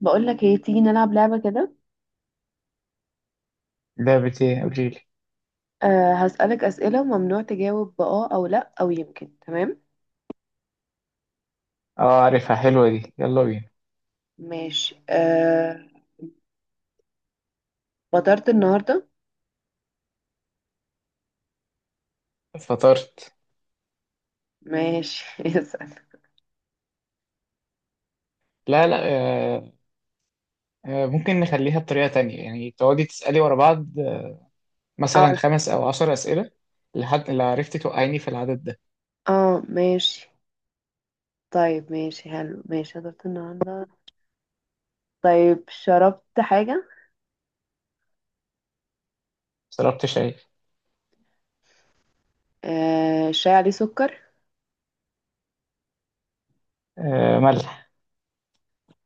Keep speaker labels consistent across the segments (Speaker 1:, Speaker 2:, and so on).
Speaker 1: بقولك ايه تيجي نلعب لعبة كده؟
Speaker 2: لعبة ايه؟ قوليلي.
Speaker 1: هسألك أسئلة وممنوع تجاوب بآه أو لأ أو يمكن تمام.
Speaker 2: اه، عارفها، حلوة دي، يلا بينا.
Speaker 1: ماشي فطرت النهاردة؟
Speaker 2: فطرت؟
Speaker 1: ماشي اسأل.
Speaker 2: لا، لا. آه. آه، ممكن نخليها بطريقة تانية، يعني تقعدي تسألي ورا بعض
Speaker 1: اه
Speaker 2: مثلا
Speaker 1: الح-
Speaker 2: خمس أو 10 أسئلة، لحد لو عرفتي توقعيني في العدد ده.
Speaker 1: اه ماشي طيب، ماشي حلو، ماشي. فطرت النهاردة؟ طيب شربت حاجة؟
Speaker 2: شربت شاي.
Speaker 1: أه الشاي عليه سكر؟
Speaker 2: آه، ملح.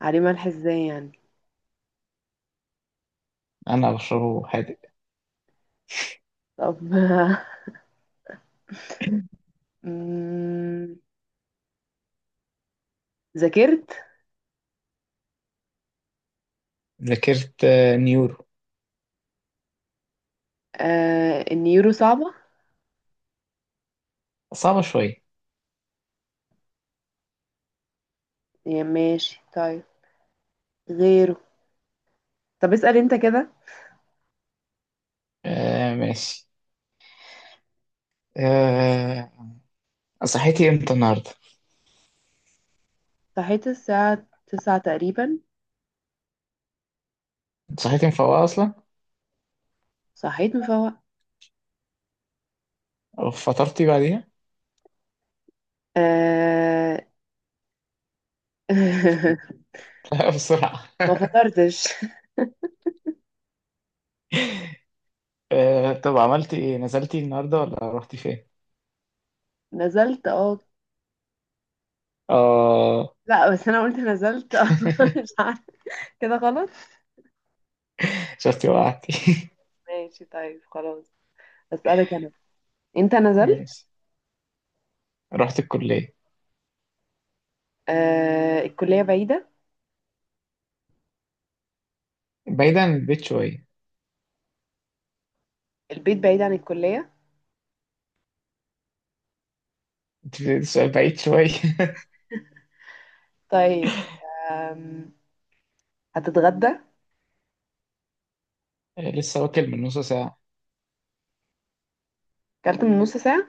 Speaker 1: عليه ملح ازاي يعني؟
Speaker 2: أنا بشربه حادق.
Speaker 1: طب مم، ذاكرت؟
Speaker 2: ذاكرت نيورو.
Speaker 1: أه النيورو صعبة.
Speaker 2: صعبة شوية.
Speaker 1: يا ماشي طيب غيره. طب اسأل انت كده.
Speaker 2: آه، ماشي. آه. صحيتي امتى النهاردة؟
Speaker 1: صحيت الساعة 9 تقريبا.
Speaker 2: صحيتي مفوقة أصلا؟
Speaker 1: صحيت مفوقة.
Speaker 2: أو فطرتي بعديها؟
Speaker 1: آه...
Speaker 2: لا، بسرعة.
Speaker 1: ما فطرتش.
Speaker 2: آه، طب، عملتي ايه؟ نزلتي النهاردة ولا رحتي فين؟
Speaker 1: نزلت
Speaker 2: اه.
Speaker 1: لا، بس انا قلت نزلت مش عارفة، كده غلط.
Speaker 2: شفتي وقعتي.
Speaker 1: ماشي طيب خلاص، اسألك انا. انت نزلت.
Speaker 2: ماشي. رحت الكلية.
Speaker 1: الكلية بعيدة.
Speaker 2: بعيد عن البيت شوية.
Speaker 1: البيت بعيد عن الكلية.
Speaker 2: انت في سؤال بعيد شوية.
Speaker 1: طيب آم... هتتغدى؟
Speaker 2: لسه واكل من نص ساعة.
Speaker 1: كلت من نص ساعة.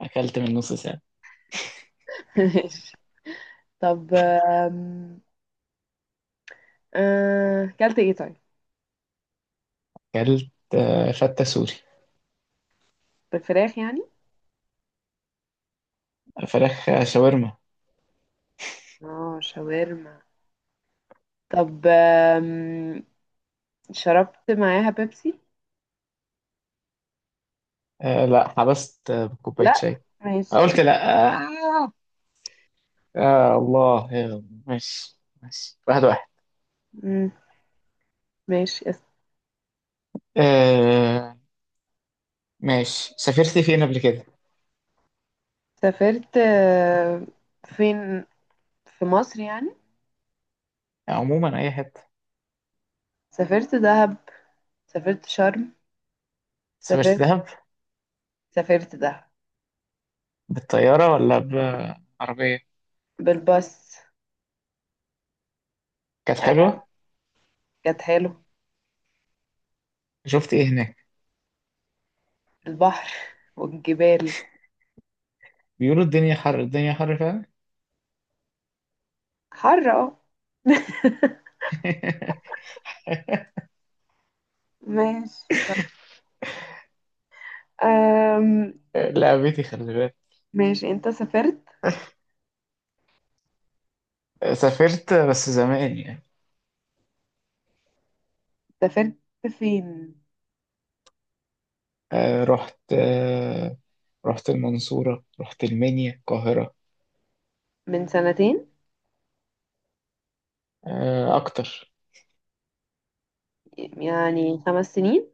Speaker 2: أكلت من نص ساعة.
Speaker 1: ماشي. طب كلت ايه طيب؟
Speaker 2: أكلت فتة سوري.
Speaker 1: بالفراخ يعني؟
Speaker 2: فراخ شاورما.
Speaker 1: اه شاورما. طب شربت معاها بيبسي؟
Speaker 2: آه، لا، حبست بكوباية
Speaker 1: لا.
Speaker 2: شاي. قلت
Speaker 1: ماشي.
Speaker 2: لا آه. آه، الله يلا. ماشي، ماشي، واحد واحد.
Speaker 1: مم. ماشي
Speaker 2: آه. ماشي، سافرت فين قبل كده؟
Speaker 1: سافرت فين؟ في مصر يعني.
Speaker 2: عموما أي حتة.
Speaker 1: سافرت دهب، سافرت شرم،
Speaker 2: سافرت
Speaker 1: سافرت،
Speaker 2: دهب.
Speaker 1: سافرت دهب.
Speaker 2: بالطيارة ولا بعربية؟
Speaker 1: بالباص.
Speaker 2: كانت
Speaker 1: آه،
Speaker 2: حلوة.
Speaker 1: كانت حلو.
Speaker 2: شفت إيه هناك؟
Speaker 1: البحر والجبال.
Speaker 2: بيقولوا الدنيا حر الدنيا حر فعلا.
Speaker 1: حر اه ماشي. أم...
Speaker 2: آه، لعبتي خلي بالك.
Speaker 1: ماشي، انت سافرت؟
Speaker 2: آه، سافرت بس زمان يعني.
Speaker 1: سافرت فين؟
Speaker 2: آه، رحت المنصورة، رحت المنيا، القاهرة.
Speaker 1: من سنتين؟
Speaker 2: آه، أكتر.
Speaker 1: يعني 5 سنين؟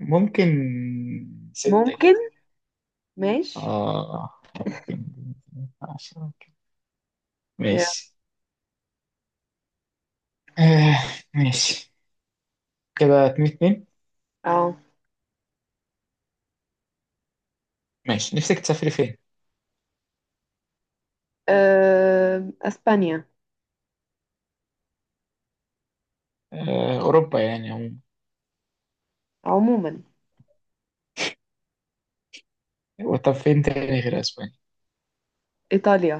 Speaker 2: ممكن. ستة كده.
Speaker 1: ممكن. ماشي.
Speaker 2: آه. ممكن. 10 ممكن.
Speaker 1: يا
Speaker 2: ماشي. آه. ماشي. كده اتنين اتنين.
Speaker 1: اه.
Speaker 2: ماشي، نفسك تسافري فين؟
Speaker 1: اسبانيا.
Speaker 2: آه، أوروبا يعني، عموما.
Speaker 1: عموما.
Speaker 2: طب، فين تاني غير أسبانيا؟
Speaker 1: ايطاليا.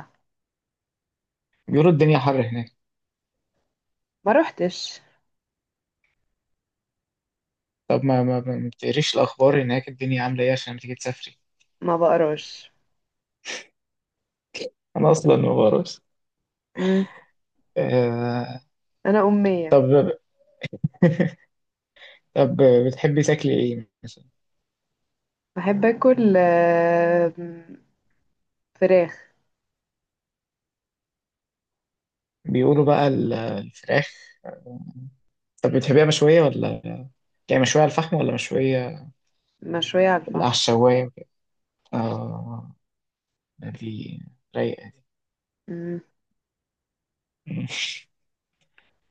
Speaker 2: بيقولوا الدنيا حر هناك.
Speaker 1: ما روحتش.
Speaker 2: طب، ما بتقريش الأخبار هناك، الدنيا عاملة إيه عشان تيجي تسافري؟
Speaker 1: ما بقراش.
Speaker 2: أنا أصلا ما بعرفش.
Speaker 1: مم.
Speaker 2: آه.
Speaker 1: انا امية.
Speaker 2: طب طب، بتحبي تاكلي إيه مثلا؟
Speaker 1: بحب اكل فراخ.
Speaker 2: بيقولوا بقى الفراخ. طب، بتحبيها مشوية ولا؟ يعني مشوية على الفحم ولا مشوية
Speaker 1: مشوية على
Speaker 2: على
Speaker 1: الفحم.
Speaker 2: الشواية؟ آه، دي رايقة.
Speaker 1: مم.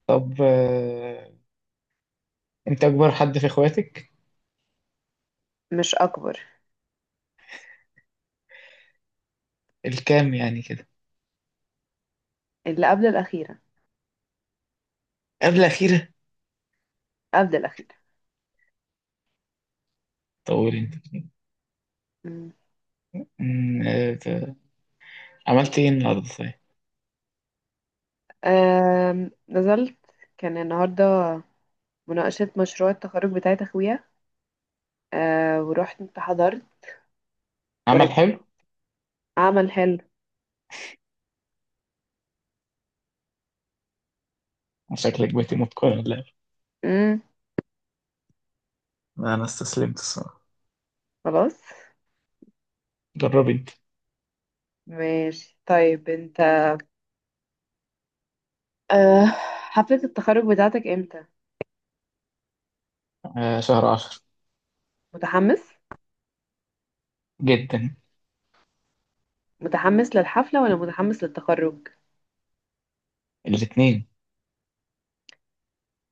Speaker 2: طب، أنت أكبر حد في إخواتك؟
Speaker 1: مش اكبر.
Speaker 2: الكام يعني كده.
Speaker 1: اللي قبل الاخيرة.
Speaker 2: قبل أخيرة.
Speaker 1: قبل الاخيرة.
Speaker 2: طول أنت.
Speaker 1: مم.
Speaker 2: مم، آه، ت- عملت إيه النهاردة طيب؟
Speaker 1: نزلت. كان النهاردة مناقشة مشروع التخرج بتاعت اخويا. ورحت انت، حضرت،
Speaker 2: عمل
Speaker 1: ورجعت.
Speaker 2: حلو.
Speaker 1: عمل حلو.
Speaker 2: شكلك بقيتي متقنة.
Speaker 1: مم.
Speaker 2: انا استسلمت، الصراحه.
Speaker 1: خلاص.
Speaker 2: جربي انت.
Speaker 1: ماشي طيب انت. أه، حفلة التخرج بتاعتك امتى؟
Speaker 2: آه، شهر 10.
Speaker 1: متحمس؟
Speaker 2: جدا.
Speaker 1: متحمس للحفلة ولا متحمس للتخرج؟
Speaker 2: الاتنين.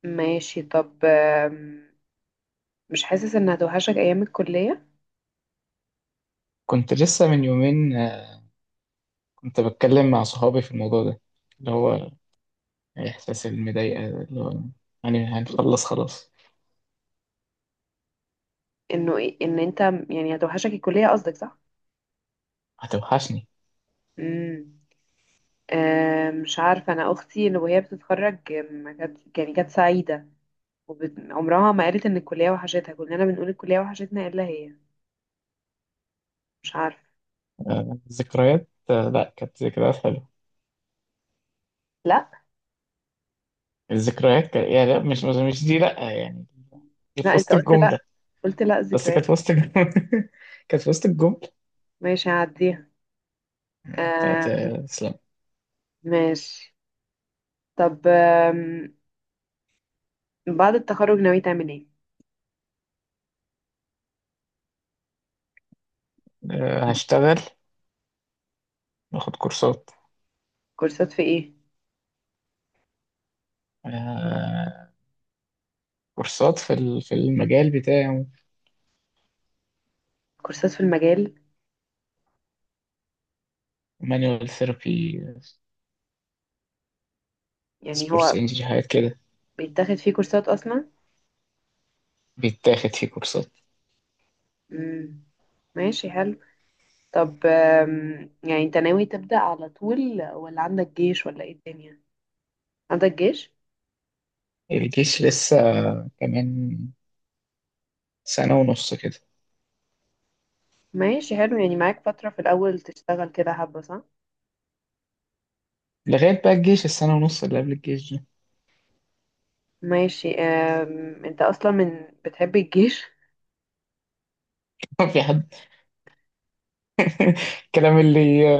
Speaker 1: ماشي. طب مش حاسس ان هتوحشك ايام الكلية؟
Speaker 2: كنت لسه من يومين، كنت بتكلم مع صحابي في الموضوع ده، اللي هو إحساس المضايقة ده، اللي هو يعني هنخلص خلاص.
Speaker 1: ان انت، يعني هتوحشك الكلية قصدك صح؟
Speaker 2: هتوحشني.
Speaker 1: امم. أه مش عارفة، انا اختي اللي وهي بتتخرج ما كانت، يعني كانت سعيدة عمرها ما قالت ان الكلية وحشتها. كلنا بنقول الكلية وحشتنا الا هي. مش عارفة.
Speaker 2: الذكريات لأ، كانت ذكريات حلوة.
Speaker 1: لا.
Speaker 2: الذكريات كانت يعني، لأ، مش دي، لأ يعني، دي في
Speaker 1: لا
Speaker 2: وسط
Speaker 1: انت قلت لا،
Speaker 2: الجملة.
Speaker 1: قلت لا
Speaker 2: بس
Speaker 1: ذكريات.
Speaker 2: كانت في وسط الجملة. كانت في وسط الجملة.
Speaker 1: ماشي، هعديها.
Speaker 2: بتاعت
Speaker 1: آه.
Speaker 2: اسلام.
Speaker 1: ماشي. طب بعد التخرج ناوي تعمل ايه؟
Speaker 2: آه، هشتغل، باخد كورسات.
Speaker 1: كورسات في ايه؟
Speaker 2: آه، كورسات في في المجال بتاعي.
Speaker 1: كورسات في المجال.
Speaker 2: مانوال ثيرابي.
Speaker 1: يعني هو
Speaker 2: سبورسنجي حاجات كده.
Speaker 1: بيتاخد فيه كورسات اصلا؟
Speaker 2: بيتاخد فيه كورسات.
Speaker 1: امم. ماشي حلو. طب يعني انت ناوي تبدأ على طول ولا عندك جيش ولا ايه الدنيا؟ عندك جيش.
Speaker 2: الجيش لسه كمان سنة ونص كده.
Speaker 1: ماشي حلو، يعني معاك فترة في الاول تشتغل كده حبة صح.
Speaker 2: لغاية بقى الجيش، السنة ونص اللي قبل الجيش دي.
Speaker 1: ماشي. انت اصلا من بتحب الجيش؟
Speaker 2: في حد، الكلام اللي،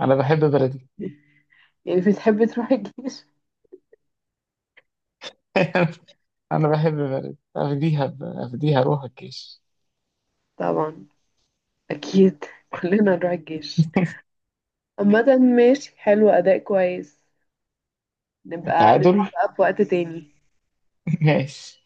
Speaker 2: أنا بحب بلدي.
Speaker 1: يعني بتحب تروح الجيش؟
Speaker 2: أنا بحب بلدي، أفديها أفديها، أروح الجيش.
Speaker 1: طبعا. اكيد كلنا نروح الجيش. عامة ماشي حلو، أداء كويس. نبقى نلعب
Speaker 2: التعادل.
Speaker 1: بقى في وقت تاني
Speaker 2: ماشي.